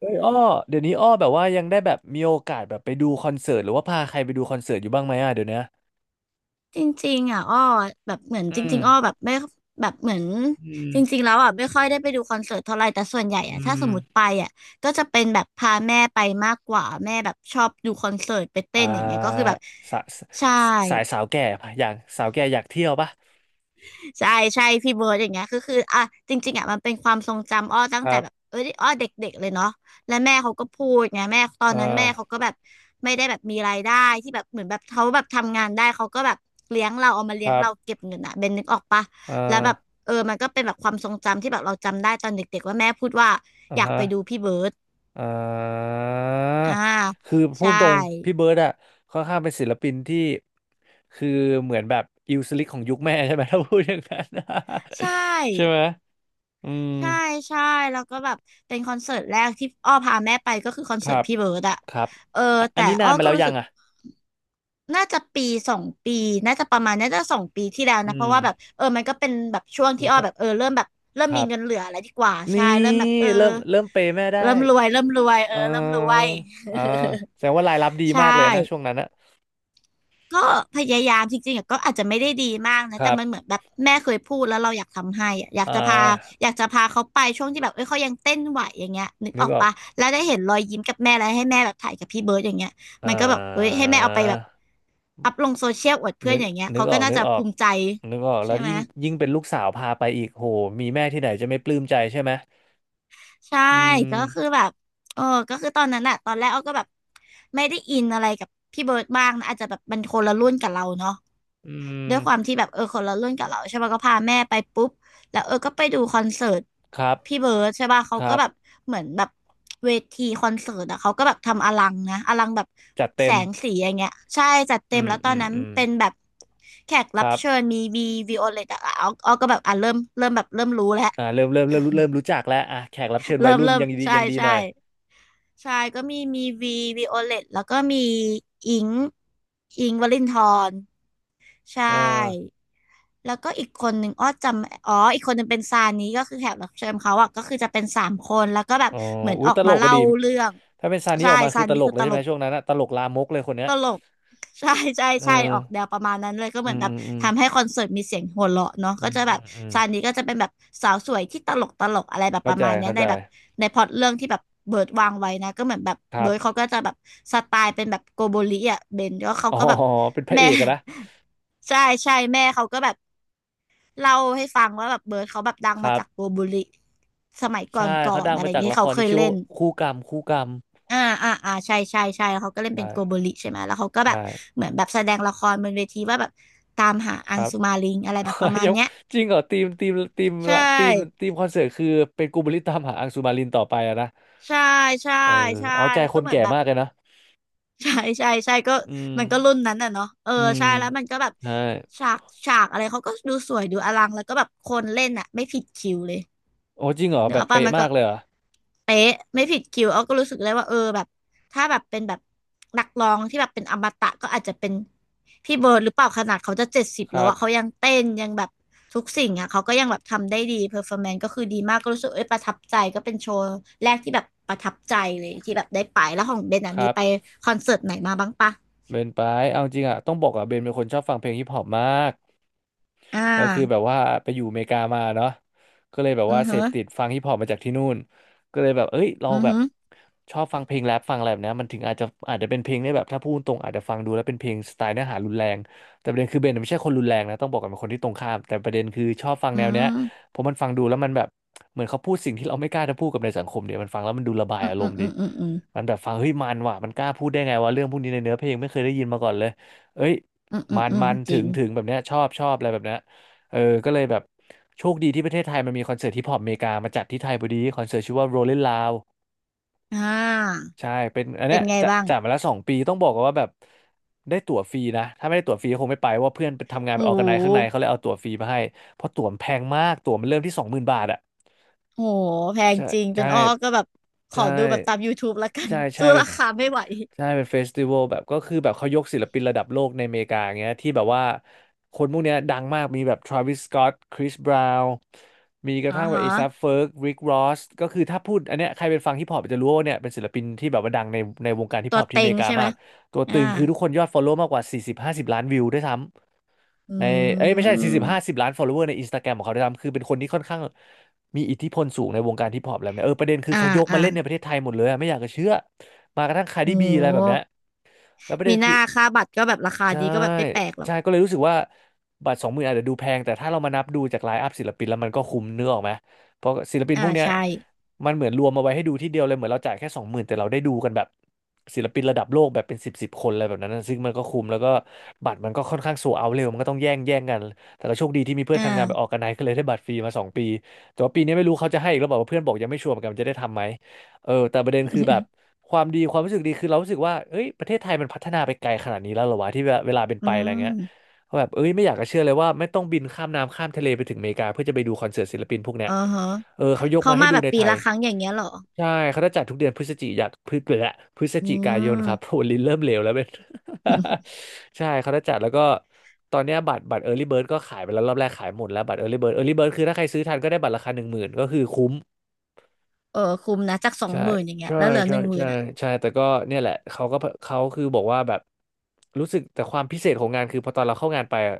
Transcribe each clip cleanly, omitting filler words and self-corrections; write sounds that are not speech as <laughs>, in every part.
เฮ้ยอ้อเดี๋ยวนี้อ้อแบบว่ายังได้แบบมีโอกาสแบบไปดูคอนเสิร์ตหรือว่าพาใครไปดูคอนเสิร์ตอยู่บ้างไหมอ่ะเดี๋ยวเนี้ยจริงๆอ่ะอ้อแบบเหมือนอืจมริงๆอ้อแบบไม่แบบเหมือนอืจริมงๆแล้วอ่ะไม่ค่อยได้ไปดูคอนเสิร์ตเท่าไหร่แต่ส่วนใหญ่อือ่ะถ้าสมมติไปมอ่ะก็จะเป็นแบบพาแม่ไปมากกว่าแม่แบบชอบดูคอนเสิร์ตไปเต้อ่นอย่างเงี้ยก็คือแบาบสาสใช่ สายสาวแก่ปะอยากสาวแก่อยากเที่ยวปะใช่ใช่พี่เบิร์ดอย่างเงี้ยคืออ่ะจริงๆอ่ะมันเป็นความทรงจำอ้อตั้งคแต่รับแบบเอ้ยอ้อเด็กๆเลยเนาะและแม่เขาก็พูดไงแม่ตอเออนนั้นแม่เขาก็แบบไม่ได้แบบมีรายได้ที่แบบเหมือนแบบเขาแบบทำงานได้เขาก็แบบเลี้ยงเราเอามาคเลี้ยงรัเราบเก็บเงินอ่ะเบนนึกออกปะเอแล้วอแบบเออมันก็เป็นแบบความทรงจำที่แบบเราจำได้ตอนเด็กๆว่าแม่พูดว่าอ่าอยากฮะไปดูพี่เบิร์ดเอออ่าคือพูใช่ดตรงพี่เบิร์ดอะค่อนข้างเป็นศิลปินที่คือเหมือนแบบอิวสลิกของยุคแม่ใช่ไหม <laughs> ถ้าพูดอย่างนั้น ใช <laughs> ใช่ไห่ มอืม ใช่ใช่แล้วก็แบบเป็นคอนเสิร์ตแรกที่อ้อพาแม่ไปก็คือคอนคเสิร์ตรับพี่เบิร์ดอะครับเอออะอัแต่นนี้อ้นาอนมาก็แล้วรู้ยัสึงกอ่ะน่าจะปีสองปีน่าจะประมาณน่าจะสองปีที่แล้วอืนะเพราะมว่าแบบเออมันก็เป็นแบบช่วงโอ้ที่อ้อก็แบบเออเริ่มแบบเริ่มคมีรัเงินเหลืบออะไรดีกว่านี่ใช่เริ่มแบบเออเริ่มเปย์แม่ได้เริ่มรวยเริ่มรวยเออเอเริ่มรวย ออ่าแสดงว่ารายรับดี <laughs> ใช่ มากเลยนะช่วงนั้นอะก็พยายามจริงๆอะก็อาจจะไม่ได้ดีมากนะคแต่รับมันเหมือนแบบแม่เคยพูดแล้วเราอยากทำให้อะอยากอ่จะพาาอยากจะพาเขาไปช่วงที่แบบเอ้ยเขายังเต้นไหวอย่างเงี้ยนึกนึอกอกออกปะแล้วได้เห็นรอยยิ้มกับแม่แล้วให้แม่แบบถ่ายกับพี่เบิร์ดอย่างเงี้ยอ่มันก็แบบเฮ้ยาให้แม่เอาไปแบบอัพลงโซเชียลอวดเพื่อนึนกอย่างเงี้ยนึกเขาอก็อกน่านึกจะออภูกมิใจนึกออกแล้ใช่วไหมยิ่งเป็นลูกสาวพาไปอีกโหมีแม่ที่ไหนจะไม่ปลื้มใจใช่ไหมใช่อืก็คือมแบบเออก็คือตอนนั้นอะตอนแรกอ้อก็แบบไม่ได้อินอะไรกับพี่เบิร์ดมากนะอาจจะแบบมันคนละรุ่นกับเราเนาะ อืด้วมยความที่แบบเออคนละรุ่นกับเราใช่ป่ะก็พาแม่ไปปุ๊บแล้วเออก็ไปดูคอนเสิร์ตครัพี่บเบิร์ดใช่ป่ะคเขารัก็แบบบเหมือนแบบเวทีคอนเสิร์ตอะเขาก็แบบทำอลังนะอลังแบบจัดเต็แสมงสีอย่างเงี้ยใช่จัดเต็อืมมแล้วตออืนมนั้นอืมเป็นแบบแขกครับรับ เชิญมีวีวีโอเลตอะเอาเอาก็แบบอ่ะเริ่มเริ่มแบบเริ่มรู้แล้วอ่าเริ่มรู้จักแล้วอ่ะแขกรับเชิญวัเริ่ยมรุ่นเริ่มยังดีใช่ยังดีหใช่น่อยใช่ก็มีวีวีโอเลตแล้วก็มีอิงอิงค์วลินทร ใช่ เออแล้วก็อีกคนหนึ่งอ้อจำอ๋ออีกคนหนึ่งเป็นซานี้ก็คือแขกรับเชิญเขาอ่ะก็คือจะเป็น3 คนแล้วก็แบบอ๋อเหมือนอุ้อยอตกลมากก็เล่าดีเรื่องถ้าเป็นซานี้ใช่ออกมาซาคือตนี้ลกคือเลตยใช่ลไหมก ช่วงนั้นอะตลกลามกเลยคนเนี้ยตลก <laughs> ใช่ใช่เออใช่ออกแนวประมาณนั้นเลยก็อืเหมือมนแบอืบมอืมทำให้คอนเสิร์ตมีเสียงหัวเราะเนาะอืก็มจะแบอืบมอืมซานี้ก็จะเป็นแบบสาวสวยที่ตลกตลกอะไรแบบปเข้าระใจมาณเนี้ยเข้าในใจแบบในพล็อตเรื่องที่แบบเบิร์ดวางไว้นะก็เหมือนแบบครัเบิร์ดเขาบก็จะแบบสไตล์เป็นแบบโกโบริอ่ะเบนแล้วเขาอ๋อ ก็แบบ <laughs> เป็นพระเอแม่ กอะนะ <laughs> ใช่ใช่แม่เขาก็แบบเล่าให้ฟังว่าแบบเบิร์ดเขาแบบดังคมารัจากโกบโบริสมัยก่อใช่เขานดัๆองอะไรมาอย่าจางกเงี้ยละคเขารเคที่ยชื่อเล่ว่าน คู่กรรมคู่กรรมอ่าอ่าอ่าใช่ใช่ใช่แล้วเขาก็เล่นเป็ใช่นโกโบริใช่ไหมแล้วเขาก็แบบใช่เหมือนแบบแสดงละครบนเวทีว่าแบบตามหาคอังรับ สุมาลิงอะไรแบบประมา <laughs> ณยังเนี้ยจริงเหรอทีมทีมใช่ละทีมทีมคอนเสิร์ตคือเป็นกูบลิตตามหาอังสุมารินต่อไปอะนะใช่ใช่เออใช่เอาใจแล้วคก็นเหมือแก่นแบบ มากเลยนะ <laughs> ใช่ใช่ใช่ก็อืมมันก็รุ่นนั้นน่ะเนาะเอออืมใช่แล้วมันก็แบบใช่ฉากฉากอะไรเขาก็ดูสวยดูอลังแล้วก็แบบคนเล่นอ่ะไม่ผิดคิวเลย โอ้จริงเหรอเนื้แบออบกป้าเป๊ะมันมาก็กเลยเหรอเป๊ะไม่ผิดคิวเอาก็รู้สึกเลยว่าเออแบบถ้าแบบเป็นแบบนักร้องที่แบบเป็นอมตะก็อาจจะเป็นพี่เบิร์ดหรือเปล่าขนาดเขาจะ70คแล้รัวบอะเขายังเต้นยังแบบทุกสิ่งอะเขาก็ยังแบบทำได้ดีเพอร์ฟอร์แมนซ์ก็คือดีมากก็รู้สึกเอ้ยประทับใจก็เป็นโชว์แรกที่แบบประทับใจเลยที่แบบได้ไปแล้วของเบนอะคมีรับไปคอนเสิร์ตไหนมาบ้างปะเบนไปเอาจริงอ่ะต้องบอกอ่ะเบนเป็นคนชอบฟังเพลงฮิปฮอปมาก อ่าก็คือแบบว่าไปอยู่อเมริกามาเนาะก็เลยแบบอืว่าอเสฮึพติดฟังฮิปฮอปมาจากที่นู่นก็เลยแบบเอ้ยเราอือแบบฮึชอบฟังเพลงแรปฟังอะไรแบบเนี้ยมันถึงอาจจะเป็นเพลงได้แบบถ้าพูดตรงอาจจะฟังดูแล้วเป็นเพลงสไตล์เนื้อหารุนแรงแต่ประเด็นคือเบนไม่ใช่คนรุนแรงนะต้องบอกกันเป็นคนที่ตรงข้ามแต่ประเด็นคือชอบฟังอืแนวเนี้ยมเพราะมันฟังดูแล้วมันแบบเหมือนเขาพูดสิ่งที่เราไม่กล้าจะพูดกับในสังคมเดียวมันฟังแล้วมันดูระบายอืมอารอืมมณ์ดีอืมอืมมันแบบฟังเฮ้ยมันกล้าพูดได้ไงวะเรื่องพวกนี้ในเนื้อเพลงไม่เคยได้ยินมาก่อนเลยเอ้ยอืมอืมัมนอืมอืมมันจถึริงงแบบเนี้ยชอบอะไรแบบเนี้ย เออก็เลยแบบโชคดีที่ประเทศไทยมันมีคอนเสิร์ตฮิปฮอปอเมริกามาจัดที่ไทยพอดีคอนเสิร์ตชื่อว่า Rolling Loud อ่าใช่เป็นอันเป็เนี้นยไงจะบ้างจัดมาแล้ว2 ปีต้องบอกกันว่าแบบได้ตั๋วฟรีนะถ้าไม่ได้ตั๋วฟรีก็คงไม่ไปเพราะว่าเพื่อนไปทำงานโอ้ไปออร์โแกไนซ์ข้างในเขาเลห ยเอาตั๋วฟรีมาให้เพราะตั๋วมันแพงมากตั๋วมันเริ่มที่20,000 บาทอะ โหแพงใช่จริงเป็ใช่นอ้อก็แบบขอใช่ดูแบบตาม YouTube ละกัน ใช่ <laughs> ใช่สู้เป็นราคาไม่ไหวใช่เป็นเฟสติวัลแบบก็คือแบบเขายกศิลปินระดับโลกในอเมริกาอย่างเงี้ยที่แบบว่าคนพวกเนี้ยดังมากมีแบบทร a วิสสก็อตคริสบราวน์มีกระอ่าทั่งแบบฮะเอซั f เฟิร์กริกรอสก็คือถ้าพูดอันเนี้ยใครเป็นฟังฮิปฮอปจะรู้ว่าเนี่ยเป็นศิลปินที่แบบว่าดังในวงการฮิปตัฮวอปที่เต็อเมงริกาใช่ไหมมากตัวอ่าตึงคือทุกคนยอดฟอลโล่มากกว่า40-50ล้านวิวด้วยซ้ำ อในเอ้ืยไม่ใช่สี่สิบมห้าสิบล้าน follower ในอินสตาแกรมของเขาด้วยซ้ำคือเป็นคนที่ค่อนข้างมีอิทธิพลสูงในวงการฮิปฮอปแล้วเนี่ยเออประเด็นคืออ่าเขายกอ่ามาเล่นในประเทศไทยหมดเลยอะไม่อยากจะเชื่อมากระทั่งคาร์โดิบีอะไรแบบเนี้หยแล้วประมีเด็นหคืน้าอ ค่าบัตรก็แบบราคาใช่ดีก็แบบไม่แปลกหรอกใช่ก็เลยรู้สึกว่าบัตรสองหมื่นอาจจะดูแพงแต่ถ้าเรามานับดูจากไลฟ์อัพศิลปินแล้วมันก็คุ้มเนื้อออกไหม เพราะศิลปินอ่าพวกเนี้ยใช่มันเหมือนรวมมาไว้ให้ดูที่เดียวเลยเหมือนเราจ่ายแค่สองหมื่นแต่เราได้ดูกันแบบศิลปินระดับโลกแบบเป็นสิบคนอะไรแบบนั้นนะซึ่งมันก็คุ้มแล้วก็บัตรมันก็ค่อนข้างโซเอาเร็วมันก็ต้องแย่งกันแต่เราโชคดีที่มีเพื่อนอ่า ทำงานไปออกกันไนก็เลยได้บัตรฟรีมาสองปีแต่ว่าปีนี้ไม่รู้เขาจะให้อีกหรือเปล่าเพราะเพื่อนบอกยังไม่ชัวร์เหมือนกันว่าจะได้ทำไหมเออแต่ประเด็นคือแบบ <laughs> ความดีความรู้สึกดีคือเรารู้สึกว่าเอ้ยประเทศไทยมันพัฒนาไปไกลขนาดนี้แล้วเหรอวะที่เวลาเป็นอืไปอะไรเงี้ยมก็แบบเอ้ยไม่อยากจะเชื่อเลยว่าไม่ต้องบินข้ามน้ำข้ามทะเลไปถึงอเมริกาเพื่อจะไปดูคอนเสิร์ตศิลปินพวกเนี้ยอ๋อฮะเออเขายกเขามาให้มาดูแบบในปีไทยละครั้งอย่างเงี้ยเหรอใช่เขาจะจัดทุกเดือนพฤศอืจิกายนคม รับ <laughs> โหลิ้นเริ่มเหลวแล้วเป็น <laughs> <laughs> ใช่เขาจะจัดแล้วก็ตอนเนี้ยบัตร Early Bird ก็ขายไปแล้วรอบแรกขายหมดแล้วบัตร Early Bird คือถ้าใครซื้อทันก็ได้บัตรราคาหนึ่งหมื่นก็คือคุ้ม เออคุ้มนะจากสองใช่หมื่นอย่างเงี้ยใช่แล้วเหลือหใช่นึ่งหมื่ใช่นอ่ะใช่แต่ก็เนี่ยแหละเขาก็เขาคือบอกว่าแบบรู้สึกแต่ความพิเศษของงานคือพอตอนเราเข้างานไปอะ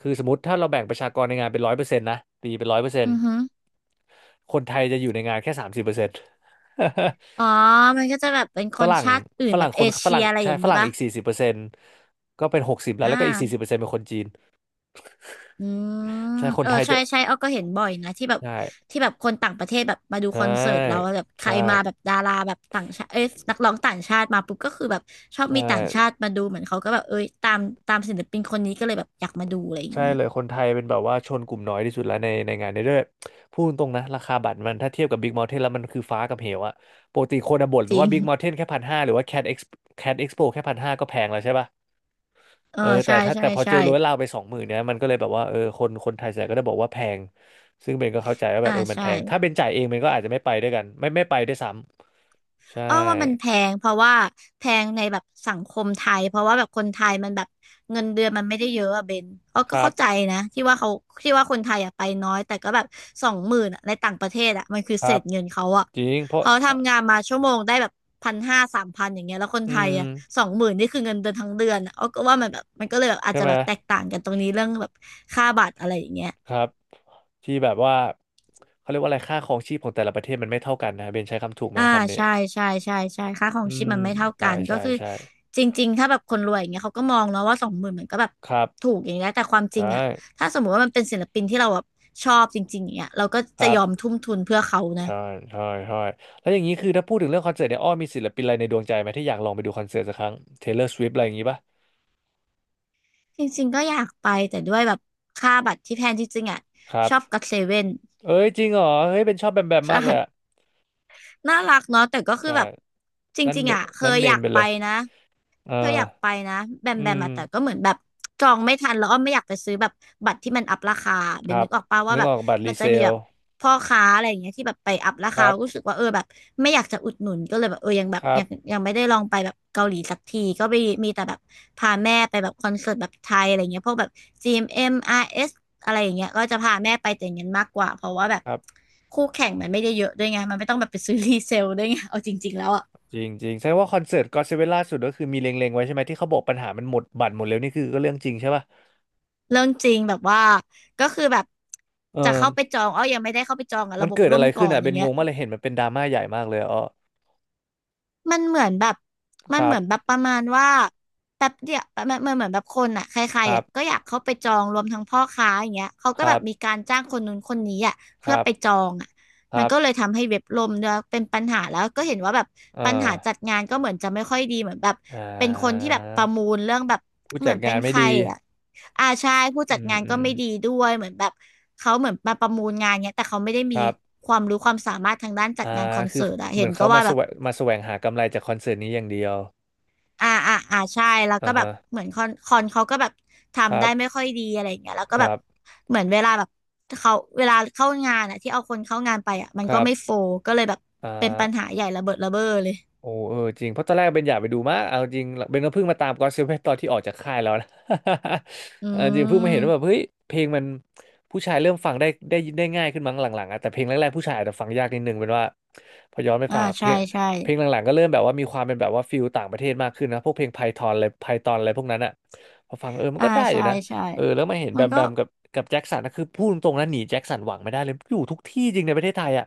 คือสมมติถ้าเราแบ่งประชากรในงานเป็นร้อยเปอร์เซ็นต์นะตีเป็นร้อยเปอร์เซ็นอืต์อฮึคนไทยจะอยู่ในงานแค่สามสิบเปอร์เซ็นต์ อ๋อมันก็จะแบบเป็นค <laughs> ฝนรั่งชาติอื่ฝนแบรั่งบคเอนฝเชีรั่ยงอะไรอใช่ย่างฝนี้รั่งป่ะอีกสี่สิบเปอร์เซ็นต์ก็เป็นหกสิบแล้วอ่แล้วก็อีกสี่สิบา เปอร์เซ็นต์เป็นคนจีนอืมใช่คนเออไทยใช่จะใช่อ้อก็เห็นบ่อยนะที่แบบใช่ที่แบบคนต่างประเทศแบบมาดูใชคอนเสิร์ตเรา่แล้วแบบใครใช่มาแบบดาราแบบต่างชาติเอ้ยนักร้องต่างชาติมาปุ๊บก็คือแบบชอบใช่ มีต่างชาติมาดูเหมือนเขาก็แบบเอ้ยตามศิลปินคนนี้ก็เลยแบบอยากมาดูอะไรอย่างใช่นี้เลยคนไทยเป็นแบบว่าชนกลุ่มน้อยที่สุดแล้วในงานนี้ด้วยพูดตรงนะราคาบัตรมันถ้าเทียบกับ Big Mountain แล้วมันคือฟ้ากับเหวอะปกติคนอะบ่นจริว่า ง Big Mountain แค่พันห้าหรือว่า Cat Expo แค่พันห้าก็แพงแล้วใช่ป่ะเออเออแต่ใช่ถ้าใช่แต่พอเจใช่อร้อยลาวไปสองหมื่นเนี่ยมันก็เลยแบบว่าเออคนไทยส่วนใหญ่ก็ได้บอกว่าแพงซึ่งเบนก็เข้าใจว่าแบอ่าบเออมันใช่ แพงถ้าเบนจ่ายเองเบนก็อาจจะไม่ไปด้วยกันไม่ไปด้วยซ้ำใช่อ้อว่ามันแพงเพราะว่าแพงในแบบสังคมไทยเพราะว่าแบบคนไทยมันแบบเงินเดือนมันไม่ได้เยอะอะเบนอ้อคก็รัเข้าใจบนะที่ว่าคนไทยอะไปน้อยแต่ก็แบบสองหมื่นอะในต่างประเทศอะมันคือคเศรับษเงินเขาอะจริงเพราะเขาทำงานมาชั่วโมงได้แบบพันห้าสามพันอย่างเงี้ยแล้วคนอืไทยอะสมองหมื่นนี่คือเงินเดือนทั้งเดือนอะอ้อก็ว่ามันแบบมันก็เลยแบบอาใช่จจะไหมแบบแตกต่างกันตรงนี้เรื่องแบบค่าบัตรอะไรอย่างเงี้ย ครับ ที่แบบว่าเขาเรียกว่าอะไรค่าครองชีพของแต่ละประเทศมันไม่เท่ากันนะเบนใช้คำถูกไหมอ่าคำนี้ใช่ใช่ใช่ใช่ค่าขออืงชีพมมันไม่เท่าใช่กันก็ใช่คือใช่จริงๆถ้าแบบคนรวยอย่างเงี้ยเขาก็มองเนาะว่าสองหมื่นมันก็แบบครับถูกอย่างเงี้ยแต่ความจริใช่งอ่ะถ้าสมมติว่ามันเป็นศิลปินที่เราแบบชอบจริงๆอย่างเงี้ยเราก็คจะรัยอมบทุ่มทุนเพื่อเขานะใช่ใช่ใช่แล้วอย่างนี้คือถ้าพูดถึงเรื่องคอนเสิร์ตเนี่ยอ้อมีศิลปินอะไรในดวงใจไหมที่อยากลองไปดูคอนเสิร์ตสักครั้ง Taylor Swift อะไรอย่างนี้ป่ะจริงๆก็อยากไปแต่ด้วยแบบค่าบัตรที่แพงจริงๆอ่ะครัชอบบก็อตเซเว่นเอ้ยจริงเหรอเฮ้ยเป็นชอบแบมแบมมากเลยอะใช่น่ารักเนาะแต่ก็คือใช่แบบจนั่นริงเมๆอ่ะเคนั่นยเมอยานกไปไปเลยนะ เออเธออยากไปนะแบมอืแบมมอะแต่ก็เหมือนแบบจองไม่ทันแล้วอ้อมไม่อยากไปซื้อแบบบัตรที่มันอัพราคาคเบนรันึบกออกป่าวว่านึกแบบออกบัตรรีมันจะเซมีลแบบพ่อค้าอะไรอย่างเงี้ยที่แบบไปอัพราคคารับรู้สึกว่าเออแบบไม่อยากจะอุดหนุนก็เลยแบบเออยังแบคบรัยับงยังไม่ได้ลองไปแบบเกาหลีสักทีก็ไปมีแต่แบบพาแม่ไปแบบคอนเสิร์ตแบบไทยอะไรเงี้ยพวกแบบ GMM RS อมเอ็มอาร์เอสอะไรอย่างเงี้ยก็จะพาแม่ไปแต่อย่างนั้นมากกว่าเพราะว่าแบบครับ คู่แข่งมันไม่ได้เยอะด้วยไงมันไม่ต้องแบบไปซื้อ <laughs> รีเซลด้วยไงเอาจริงๆแล้วอะ จริงจริงแสดงว่าคอนเสิร์ตก็อดเซเว่นล่าสุดก็คือมีเล็งๆไว้ใช่ไหมที่เขาบอกปัญหามันหมดบัตรหมดแล้วนี่คือก็เรื่องจริงใช่ป่ะเรื่องจริงแบบว่าก็คือแบบเออจะเข้าไปจองอ้อยังไม่ได้เข้าไปจองอะมัระนบบเกิดล่อะไรมก่ขึ้อนนอ่ะอเป็ย่านงงเงี้ย งมากเลยเห็นมันเป็นดราม่าใหญ่มากเลยอ๋อมันเหมือนแบบมัคนรัเหมืบอนแบบประมาณว่าแป๊บเดียวมันเหมือนแบบคนอ่ะใครคๆรับอ่ะก็อยากเข้าไปจองรวมทั้งพ่อค้าอย่างเงี้ยเขาคก็แบรับบมีการจ้างคนนู้นคนนี้อ่ะคเพื่อรับไปจองอ่ะคมัรันก็เลยบทำให้เว็บล่มด้วยเป็นปัญหาแล้วก็เห็นว่าแบบเอปัญอหาจัดงานก็เหมือนจะไม่ค่อยดีเหมือนแบบอ่เป็นคนที่แบบประมูาลเรื่องแบบผู้เหมืจัอดนเป็งานนใคไม่รดีอ่ะอาใช่ผู้อืจัดมงานอืก็มไม่ดีด้วยเหมือนแบบเขาเหมือนมาประมูลงานเนี้ยแต่เขาไม่ได้คมีรับความรู้ความสามารถทางด้านจัอ่าดงานคอนคือเสิร์ตอ่ะเหเห็มือนนก็เขามาว่าแสแบบ วงมาแสวงหากำไรจากคอนเสิร์ตนี้อย่างเดียวอ่าอ่าอ่าใช่แล้วอ่าก็แบบฮะเหมือนคอนเขาก็แบบคทำรัได้บไม่ค่อยดีอะไรอย่างเงี้ยแล้วก็คแบรับบเหมือนเวลาแบบเขาเวลาเข้างานอ่ะที่เอาคนเข้างานไปอ่ะมันคก็รัไม่โฟลบก็เลยแบบอ่เป็นปัญหาา ใหญ่ระเบิดระเบ้อเลยโอ้เออจริงเพราะตอนแรกเป็นอยากไปดูมากเอาจริงเบนก็เพิ่งมาตามก็อตเซเว่นตอนที่ออกจากค่ายแล้วนะ อื <laughs> เออจริงเพิ่งมาเห็นว่าแบบมเฮ้ยเพลงมันผู้ชายเริ่มฟังได้ง่ายขึ้นมั้งหลังๆอะแต่เพลงแรกๆผู้ชายอาจจะฟังยากนิดนึงเป็นว่าพอย้อนไปอ่าฟังอะเพลใช่งใช่เพลงหลังๆก็เริ่มแบบว่ามีความเป็นแบบว่าฟิลต่างประเทศมากขึ้นนะพวกเพลงไพทอนอะไรไพทอนอะไรพวกนั้นอะพอฟังเออมันอ่าก็ได้อยู่ใช่นะใช่เออแล้วมาเห็นแบมันมแบก็มกับกับแจ็คสันนะคือพูดตรงๆนะหนีแจ็คสันหวังไม่ได้เลยอยู่ทุกที่จริงในประเทศไทยอะ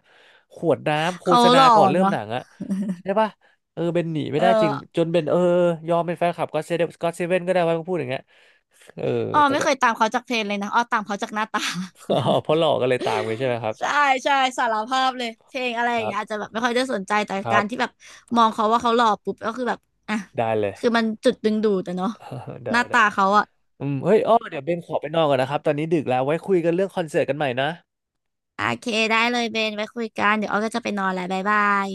ขวดน้ำโฆเขาษหณาล่อก่อนเริ่มเนาะหนังอะใช่ปะ เออเบนหนีไม่เออได้จริงจนเบนเออยอมเป็นแฟนคลับก็อตเซเว่นก็ได้ว่าพูดอย่างเงี้ยเอออ้อแต่ไม่ก็ เคยตาม <laughs> เขาจากเพลงเลยนะอ้อตามเขาจากหน้าตา อ๋อเพราะหลอกก็เลยตามไปใช่ไหมครับใช่ใช่สารภาพเลยเพลงอะไรอคย่างรัเงี้ยอาจบจะแบบไม่ค่อยได้สนใจแต่ครัการที่แบบบมองเขาว่าเขาหล่อปุ๊บก็คือแบบอ่ะได้เลย คือมันจุดดึงดูดแต่เนาะ <laughs> ได้หน้าได้ตาเขาอะอืมเฮ้ยอ้อเดี๋ยวเบนขอไปนอนก่อนนะครับตอนนี้ดึกแล้วไว้คุยกันเรื่องคอนเสิร์ตกันใหม่นะโอเคได้เลยเบนไว้คุยกันเดี๋ยวอ้อก็จะไปนอนแล้วบ๊ายบาย